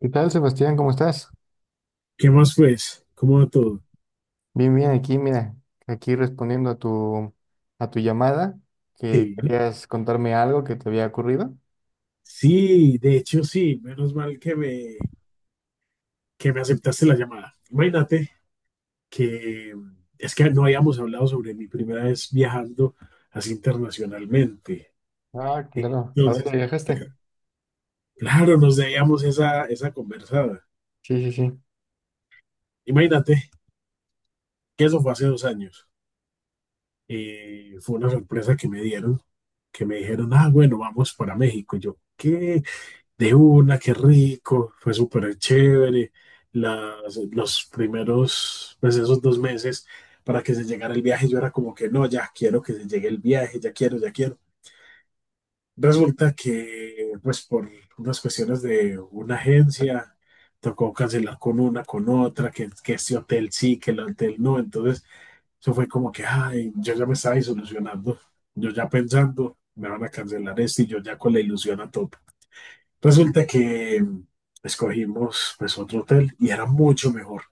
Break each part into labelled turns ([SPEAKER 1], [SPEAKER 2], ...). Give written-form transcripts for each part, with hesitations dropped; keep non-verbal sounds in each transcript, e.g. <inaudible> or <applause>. [SPEAKER 1] ¿Qué tal, Sebastián? ¿Cómo estás?
[SPEAKER 2] ¿Qué más pues? ¿Cómo va todo?
[SPEAKER 1] Bien, bien, aquí, mira, aquí respondiendo a a tu llamada, que
[SPEAKER 2] Sí,
[SPEAKER 1] querías contarme algo que te había ocurrido.
[SPEAKER 2] sí, de hecho sí, menos mal que que me aceptaste la llamada. Imagínate que es que no habíamos hablado sobre mi primera vez viajando así internacionalmente.
[SPEAKER 1] Ah, claro. ¿A dónde
[SPEAKER 2] Entonces,
[SPEAKER 1] viajaste?
[SPEAKER 2] claro, nos debíamos esa conversada.
[SPEAKER 1] Sí, sí, sí.
[SPEAKER 2] Imagínate que eso fue hace 2 años. Fue una sorpresa que me dieron, que me dijeron, ah, bueno, vamos para México. Y yo, ¿qué? De una, qué rico, fue súper chévere. Los primeros, pues esos 2 meses para que se llegara el viaje, yo era como que no, ya quiero que se llegue el viaje, ya quiero, ya quiero. Resulta que, pues por unas cuestiones de una agencia, tocó cancelar con una, con otra, que este hotel sí, que el hotel no. Entonces, eso fue como que, ay, yo ya me estaba disolucionando, yo ya pensando, me van a cancelar esto y yo ya con la ilusión a tope. Resulta que escogimos pues otro hotel y era mucho mejor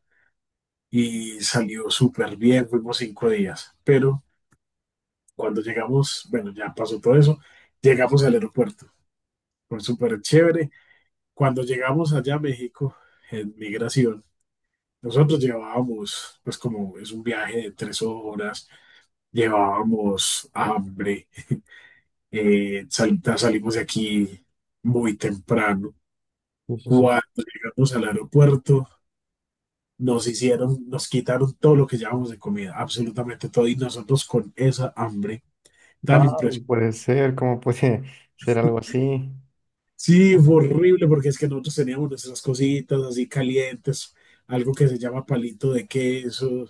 [SPEAKER 2] y salió súper bien, fuimos 5 días, pero cuando llegamos, bueno, ya pasó todo eso, llegamos al aeropuerto, fue súper chévere. Cuando llegamos allá a México, en migración, nosotros llevábamos, pues como es un viaje de 3 horas, llevábamos hambre, salimos de aquí muy temprano.
[SPEAKER 1] Sí, sí, sí.
[SPEAKER 2] Cuando llegamos al aeropuerto, nos quitaron todo lo que llevábamos de comida, absolutamente todo, y nosotros con esa hambre tan
[SPEAKER 1] Ah, no
[SPEAKER 2] impresionante.
[SPEAKER 1] puede ser, ¿cómo puede <laughs> ser algo así?
[SPEAKER 2] Sí, fue horrible porque es que nosotros teníamos nuestras cositas así calientes, algo que se llama palito de queso,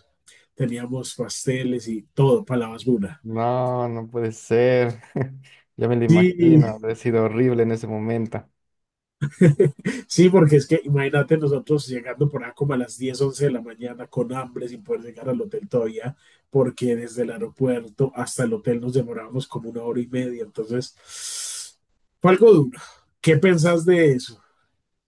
[SPEAKER 2] teníamos pasteles y todo, para la basura.
[SPEAKER 1] No, no puede ser. <laughs> Ya me lo
[SPEAKER 2] Sí,
[SPEAKER 1] imagino, ha sido horrible en ese momento.
[SPEAKER 2] sí, porque es que imagínate nosotros llegando por acá como a las 10 u 11 de la mañana con hambre sin poder llegar al hotel todavía, porque desde el aeropuerto hasta el hotel nos demorábamos como 1 hora y media. Entonces, fue algo duro. ¿Qué pensás de eso?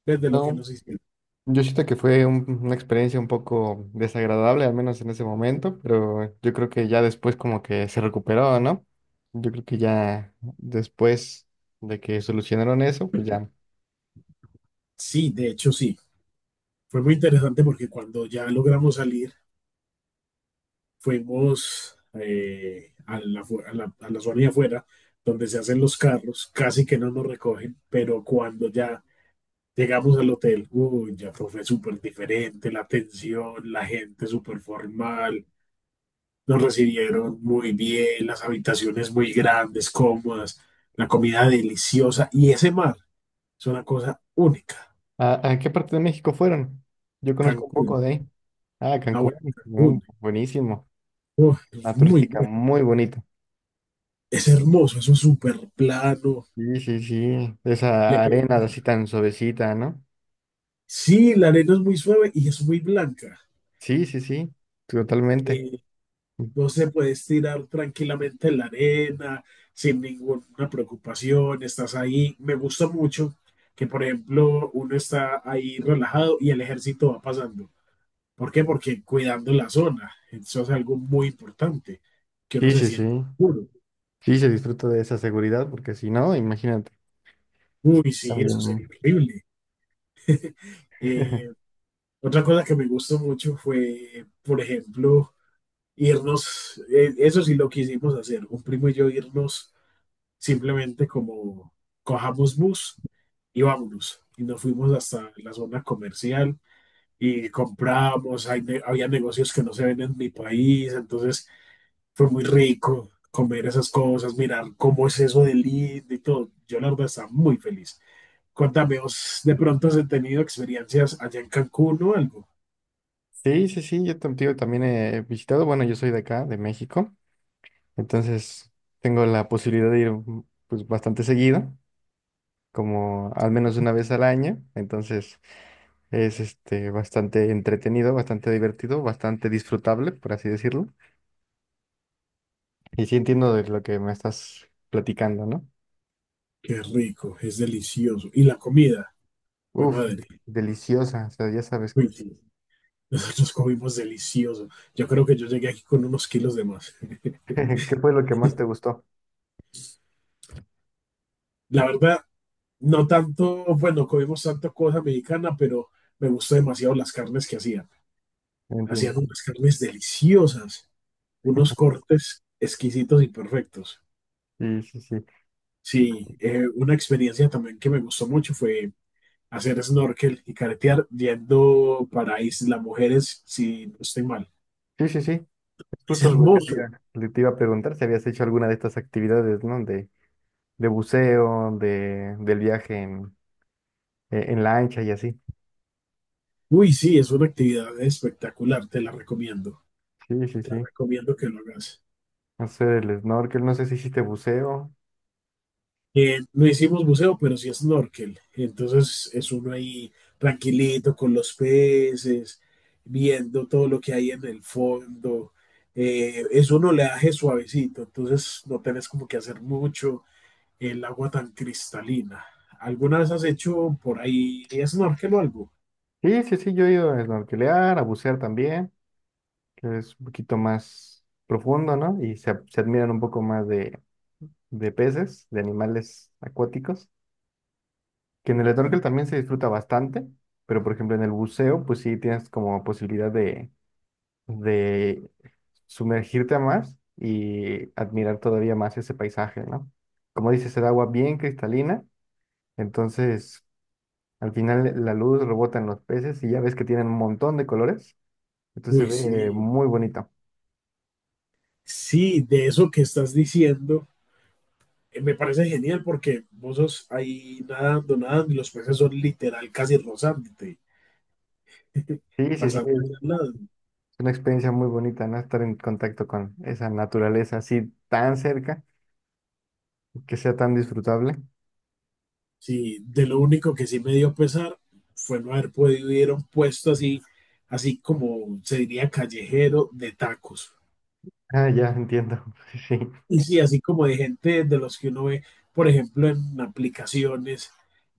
[SPEAKER 2] Desde lo que
[SPEAKER 1] No,
[SPEAKER 2] nos hicieron.
[SPEAKER 1] yo siento que fue una experiencia un poco desagradable, al menos en ese momento, pero yo creo que ya después como que se recuperó, ¿no? Yo creo que ya después de que solucionaron eso, pues ya.
[SPEAKER 2] Sí, de hecho sí. Fue muy interesante porque cuando ya logramos salir, fuimos a la, fu- a la zona de afuera, donde se hacen los carros, casi que no nos recogen, pero cuando ya llegamos al hotel, uy, ya todo fue súper diferente, la atención, la gente súper formal, nos recibieron muy bien, las habitaciones muy grandes, cómodas, la comida deliciosa y ese mar es una cosa única.
[SPEAKER 1] A qué parte de México fueron? Yo conozco un
[SPEAKER 2] Cancún,
[SPEAKER 1] poco de ahí. Ah,
[SPEAKER 2] la
[SPEAKER 1] Cancún,
[SPEAKER 2] buena Cancún,
[SPEAKER 1] buenísimo.
[SPEAKER 2] uf, es
[SPEAKER 1] Una
[SPEAKER 2] muy
[SPEAKER 1] turística
[SPEAKER 2] bueno,
[SPEAKER 1] muy bonita.
[SPEAKER 2] es hermoso, eso es súper plano.
[SPEAKER 1] Sí, sí, sí. Esa
[SPEAKER 2] le-
[SPEAKER 1] arena así tan suavecita, ¿no?
[SPEAKER 2] Sí, la arena es muy suave y es muy blanca.
[SPEAKER 1] Sí, sí, sí, totalmente.
[SPEAKER 2] eh, Vos te puedes tirar tranquilamente en la arena, sin ninguna preocupación, estás ahí. Me gusta mucho que, por ejemplo, uno está ahí relajado y el ejército va pasando. ¿Por qué? Porque cuidando la zona. Eso es algo muy importante, que uno
[SPEAKER 1] Sí,
[SPEAKER 2] se
[SPEAKER 1] sí,
[SPEAKER 2] siente
[SPEAKER 1] sí.
[SPEAKER 2] seguro.
[SPEAKER 1] Sí, se disfruta de esa seguridad, porque si no, imagínate.
[SPEAKER 2] Uy, sí, eso sería
[SPEAKER 1] También.
[SPEAKER 2] horrible. Eh,
[SPEAKER 1] <laughs>
[SPEAKER 2] Otra cosa que me gustó mucho fue, por ejemplo, irnos, eso sí lo quisimos hacer, un primo y yo irnos simplemente como cojamos bus y vámonos. Y nos fuimos hasta la zona comercial y comprábamos, había negocios que no se ven en mi país, entonces fue muy rico comer esas cosas, mirar cómo es eso de lindo y todo. Yo la verdad estaba muy feliz. Cuéntame, ¿vos de pronto has tenido experiencias allá en Cancún o algo?
[SPEAKER 1] Sí, sí, sí, yo tío, también he visitado, bueno, yo soy de acá, de México, entonces tengo la posibilidad de ir pues bastante seguido, como al menos una vez al año, entonces es este bastante entretenido, bastante divertido, bastante disfrutable, por así decirlo. Y sí
[SPEAKER 2] Qué
[SPEAKER 1] entiendo de lo que me estás platicando, ¿no?
[SPEAKER 2] qué rico, es delicioso. Y la comida, fue
[SPEAKER 1] Uf,
[SPEAKER 2] madre.
[SPEAKER 1] deliciosa, o sea, ya sabes.
[SPEAKER 2] Uy, sí. Nosotros comimos delicioso. Yo creo que yo llegué aquí con unos kilos de más.
[SPEAKER 1] <laughs> ¿Qué fue lo que más te gustó?
[SPEAKER 2] La verdad, no tanto, bueno, comimos tanta cosa mexicana, pero me gustó demasiado las carnes que hacían. Hacían
[SPEAKER 1] Entiendo.
[SPEAKER 2] unas carnes deliciosas, unos cortes exquisitos y perfectos.
[SPEAKER 1] Sí, sí, sí.
[SPEAKER 2] Sí, una experiencia también que me gustó mucho fue hacer snorkel y caretear yendo para Isla Mujeres, si no estoy mal.
[SPEAKER 1] Sí, sí, sí. Es
[SPEAKER 2] Es
[SPEAKER 1] justo lo que te
[SPEAKER 2] hermoso.
[SPEAKER 1] iba, te iba a preguntar, si habías hecho alguna de estas actividades, ¿no? De buceo, de, del viaje en lancha y así.
[SPEAKER 2] Uy, sí, es una actividad espectacular, te la recomiendo.
[SPEAKER 1] Sí, sí,
[SPEAKER 2] Te
[SPEAKER 1] sí.
[SPEAKER 2] recomiendo que lo hagas.
[SPEAKER 1] Hacer el snorkel, no sé si hiciste buceo.
[SPEAKER 2] No hicimos buceo, pero sí snorkel. Entonces es uno ahí tranquilito con los peces, viendo todo lo que hay en el fondo. Es un oleaje suavecito, entonces no tenés como que hacer mucho el agua tan cristalina. ¿Alguna vez has hecho por ahí snorkel o algo?
[SPEAKER 1] Sí, sí, sí, yo he ido a snorkelear, a bucear también, que es un poquito más profundo, ¿no? Y se admiran un poco más de peces, de animales acuáticos, que en el snorkel
[SPEAKER 2] Sí,
[SPEAKER 1] también se disfruta bastante, pero por ejemplo en el buceo, pues sí tienes como posibilidad de sumergirte a más y
[SPEAKER 2] sí.
[SPEAKER 1] admirar todavía más ese paisaje, ¿no? Como dices, el agua bien cristalina, entonces al final la luz rebota en los peces y ya ves que tienen un montón de colores, entonces se
[SPEAKER 2] Uy,
[SPEAKER 1] ve
[SPEAKER 2] sí,
[SPEAKER 1] muy bonito.
[SPEAKER 2] sí, de eso que estás diciendo, me parece genial porque vos sos ahí nadando, nadando y los peces son literal casi rozándote.
[SPEAKER 1] Sí, sí, sí,
[SPEAKER 2] Pasando
[SPEAKER 1] es
[SPEAKER 2] al lado.
[SPEAKER 1] una experiencia muy bonita, ¿no? Estar en contacto con esa naturaleza así tan cerca, que sea tan disfrutable.
[SPEAKER 2] Sí, de lo único que sí me dio pesar fue no haber podido ir a un puesto así, así como se diría callejero de tacos.
[SPEAKER 1] Ah, ya entiendo. <laughs>
[SPEAKER 2] Y sí, así como de gente de los que uno ve, por ejemplo, en aplicaciones,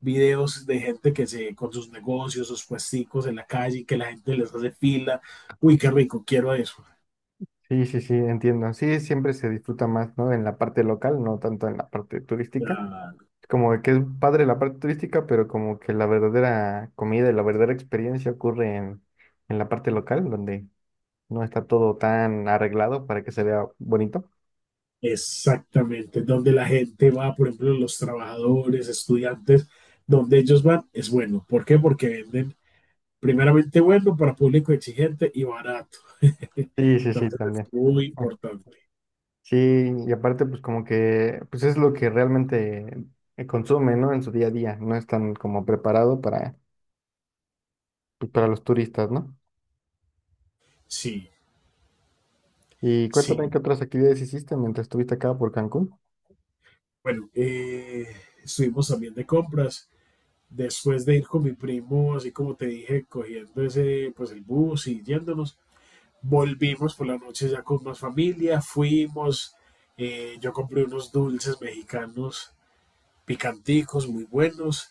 [SPEAKER 2] videos de gente que se, con sus negocios, sus puesticos en la calle, que la gente les hace fila. Uy, qué rico, quiero eso.
[SPEAKER 1] Sí, sí, sí, sí, entiendo. Sí, siempre se disfruta más, ¿no? En la parte local, no tanto en la parte turística. Como que es padre la parte turística, pero como que la verdadera comida y la verdadera experiencia ocurre en la parte local, donde no está todo tan arreglado para que se vea bonito.
[SPEAKER 2] Exactamente, donde la gente va, por ejemplo, los trabajadores, estudiantes, donde ellos van, es bueno. ¿Por qué? Porque venden primeramente bueno para público exigente y barato. <laughs>
[SPEAKER 1] Sí, sí, sí,
[SPEAKER 2] Entonces
[SPEAKER 1] también.
[SPEAKER 2] es muy
[SPEAKER 1] Ah,
[SPEAKER 2] importante.
[SPEAKER 1] sí, y aparte pues como que pues es lo que realmente consume, ¿no? En su día a día, no es tan como preparado para, pues, para los turistas, ¿no?
[SPEAKER 2] Sí,
[SPEAKER 1] Y cuéntame
[SPEAKER 2] sí.
[SPEAKER 1] qué otras actividades hiciste mientras estuviste acá por Cancún.
[SPEAKER 2] Bueno, estuvimos también de compras. Después de ir con mi primo, así como te dije, cogiendo ese, pues el bus y yéndonos, volvimos por la noche ya con más familia, fuimos, yo compré unos dulces mexicanos picanticos, muy buenos.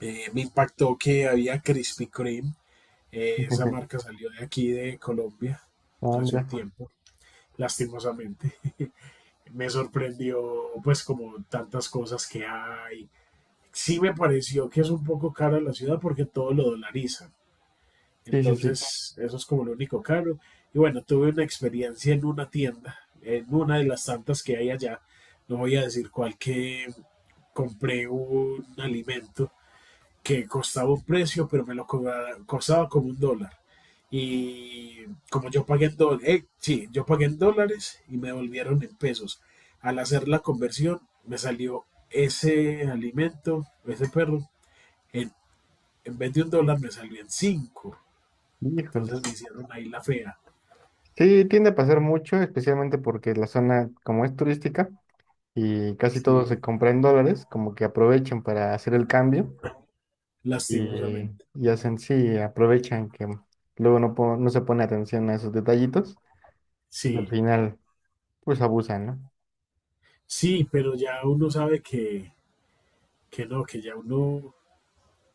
[SPEAKER 2] Me impactó que había Krispy Kreme. Esa
[SPEAKER 1] <laughs>
[SPEAKER 2] marca salió de aquí, de Colombia,
[SPEAKER 1] Ah,
[SPEAKER 2] hace un
[SPEAKER 1] mira.
[SPEAKER 2] tiempo, lastimosamente. Me sorprendió, pues, como tantas cosas que hay. Sí me pareció que es un poco cara la ciudad porque todo lo dolarizan.
[SPEAKER 1] Sí, sí, sí.
[SPEAKER 2] Entonces, eso es como lo único caro. Y bueno, tuve una experiencia en una tienda, en una de las tantas que hay allá. No voy a decir cuál que compré un alimento que costaba un precio, pero me lo cobraba, costaba como $1. Y como yo pagué en dólares, sí, yo pagué en dólares y me devolvieron en pesos. Al hacer la conversión, me salió ese alimento, ese perro, en, en vez de $1 me salió en cinco.
[SPEAKER 1] Híjole.
[SPEAKER 2] Entonces me hicieron ahí la fea.
[SPEAKER 1] Sí, tiende a pasar mucho, especialmente porque la zona como es turística y casi todo
[SPEAKER 2] Sí,
[SPEAKER 1] se compra en dólares, como que aprovechan para hacer el cambio y,
[SPEAKER 2] lastimosamente.
[SPEAKER 1] y hacen, sí, aprovechan que luego no, no se pone atención a esos detallitos y al
[SPEAKER 2] Sí,
[SPEAKER 1] final pues abusan, ¿no?
[SPEAKER 2] sí, pero ya uno sabe que no, que ya uno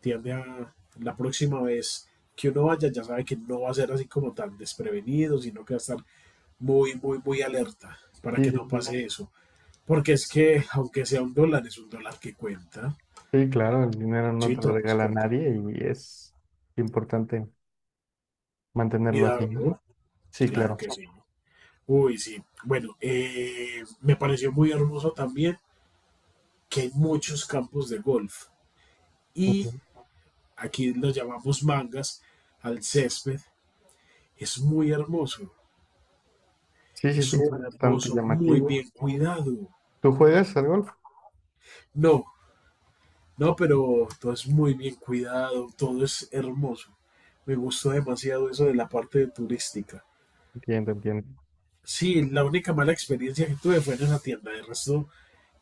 [SPEAKER 2] tiende a la próxima vez que uno vaya ya sabe que no va a ser así como tan desprevenido, sino que va a estar muy, muy, muy alerta para
[SPEAKER 1] Sí,
[SPEAKER 2] que
[SPEAKER 1] sí,
[SPEAKER 2] no
[SPEAKER 1] sí.
[SPEAKER 2] pase eso. Porque es que, aunque sea $1, es $1 que cuenta.
[SPEAKER 1] Sí, claro, el dinero no te lo
[SPEAKER 2] Chito, pues
[SPEAKER 1] regala
[SPEAKER 2] cuenta.
[SPEAKER 1] nadie y es importante mantenerlo así, ¿no?
[SPEAKER 2] Cuidarlo,
[SPEAKER 1] Sí,
[SPEAKER 2] claro
[SPEAKER 1] claro.
[SPEAKER 2] que sí. Uy, sí. Bueno, me pareció muy hermoso también que hay muchos campos de golf. Y
[SPEAKER 1] Ujú.
[SPEAKER 2] aquí los llamamos mangas al césped. Es muy hermoso.
[SPEAKER 1] Sí,
[SPEAKER 2] Es
[SPEAKER 1] sí, sí, es
[SPEAKER 2] súper
[SPEAKER 1] bastante
[SPEAKER 2] hermoso, muy
[SPEAKER 1] llamativo.
[SPEAKER 2] bien cuidado.
[SPEAKER 1] ¿Tú juegas al golf?
[SPEAKER 2] No, no, pero todo es muy bien cuidado, todo es hermoso. Me gustó demasiado eso de la parte turística.
[SPEAKER 1] Entiendo, entiendo.
[SPEAKER 2] Sí, la única mala experiencia que tuve fue en esa tienda. El resto,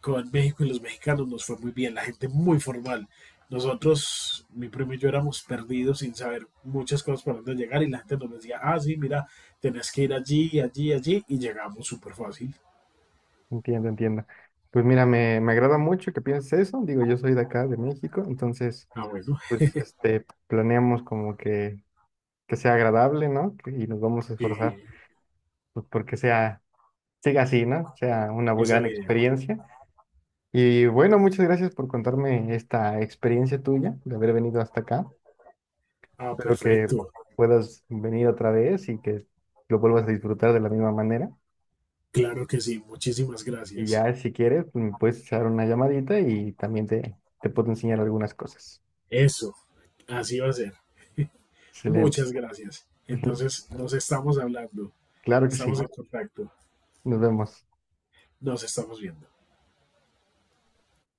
[SPEAKER 2] con México y los mexicanos nos fue muy bien. La gente muy formal. Nosotros, mi primo y yo éramos perdidos sin saber muchas cosas para dónde llegar y la gente nos decía, ah, sí, mira, tenés que ir allí, allí, allí y llegamos súper fácil.
[SPEAKER 1] Entiendo, entiendo. Pues mira, me agrada mucho que pienses eso. Digo, yo soy de acá, de México, entonces,
[SPEAKER 2] Ah, bueno,
[SPEAKER 1] pues, este, planeamos como que sea agradable, ¿no? Que- Y nos vamos a
[SPEAKER 2] sí,
[SPEAKER 1] esforzar, pues, porque sea, siga así, ¿no? Sea una
[SPEAKER 2] esa es
[SPEAKER 1] gran
[SPEAKER 2] la idea.
[SPEAKER 1] experiencia. Y bueno, muchas gracias por contarme esta experiencia tuya de haber venido hasta acá.
[SPEAKER 2] Ah,
[SPEAKER 1] Espero que
[SPEAKER 2] perfecto.
[SPEAKER 1] puedas venir otra vez y que lo vuelvas a disfrutar de la misma manera.
[SPEAKER 2] Claro que sí, muchísimas
[SPEAKER 1] Y
[SPEAKER 2] gracias.
[SPEAKER 1] ya, si quieres, pues, me puedes echar una llamadita y también te puedo enseñar algunas cosas.
[SPEAKER 2] Eso, así va a ser.
[SPEAKER 1] Excelente.
[SPEAKER 2] Muchas gracias.
[SPEAKER 1] <laughs>
[SPEAKER 2] Entonces, nos estamos hablando,
[SPEAKER 1] Claro que
[SPEAKER 2] estamos
[SPEAKER 1] sí.
[SPEAKER 2] en contacto,
[SPEAKER 1] Nos vemos.
[SPEAKER 2] nos estamos viendo.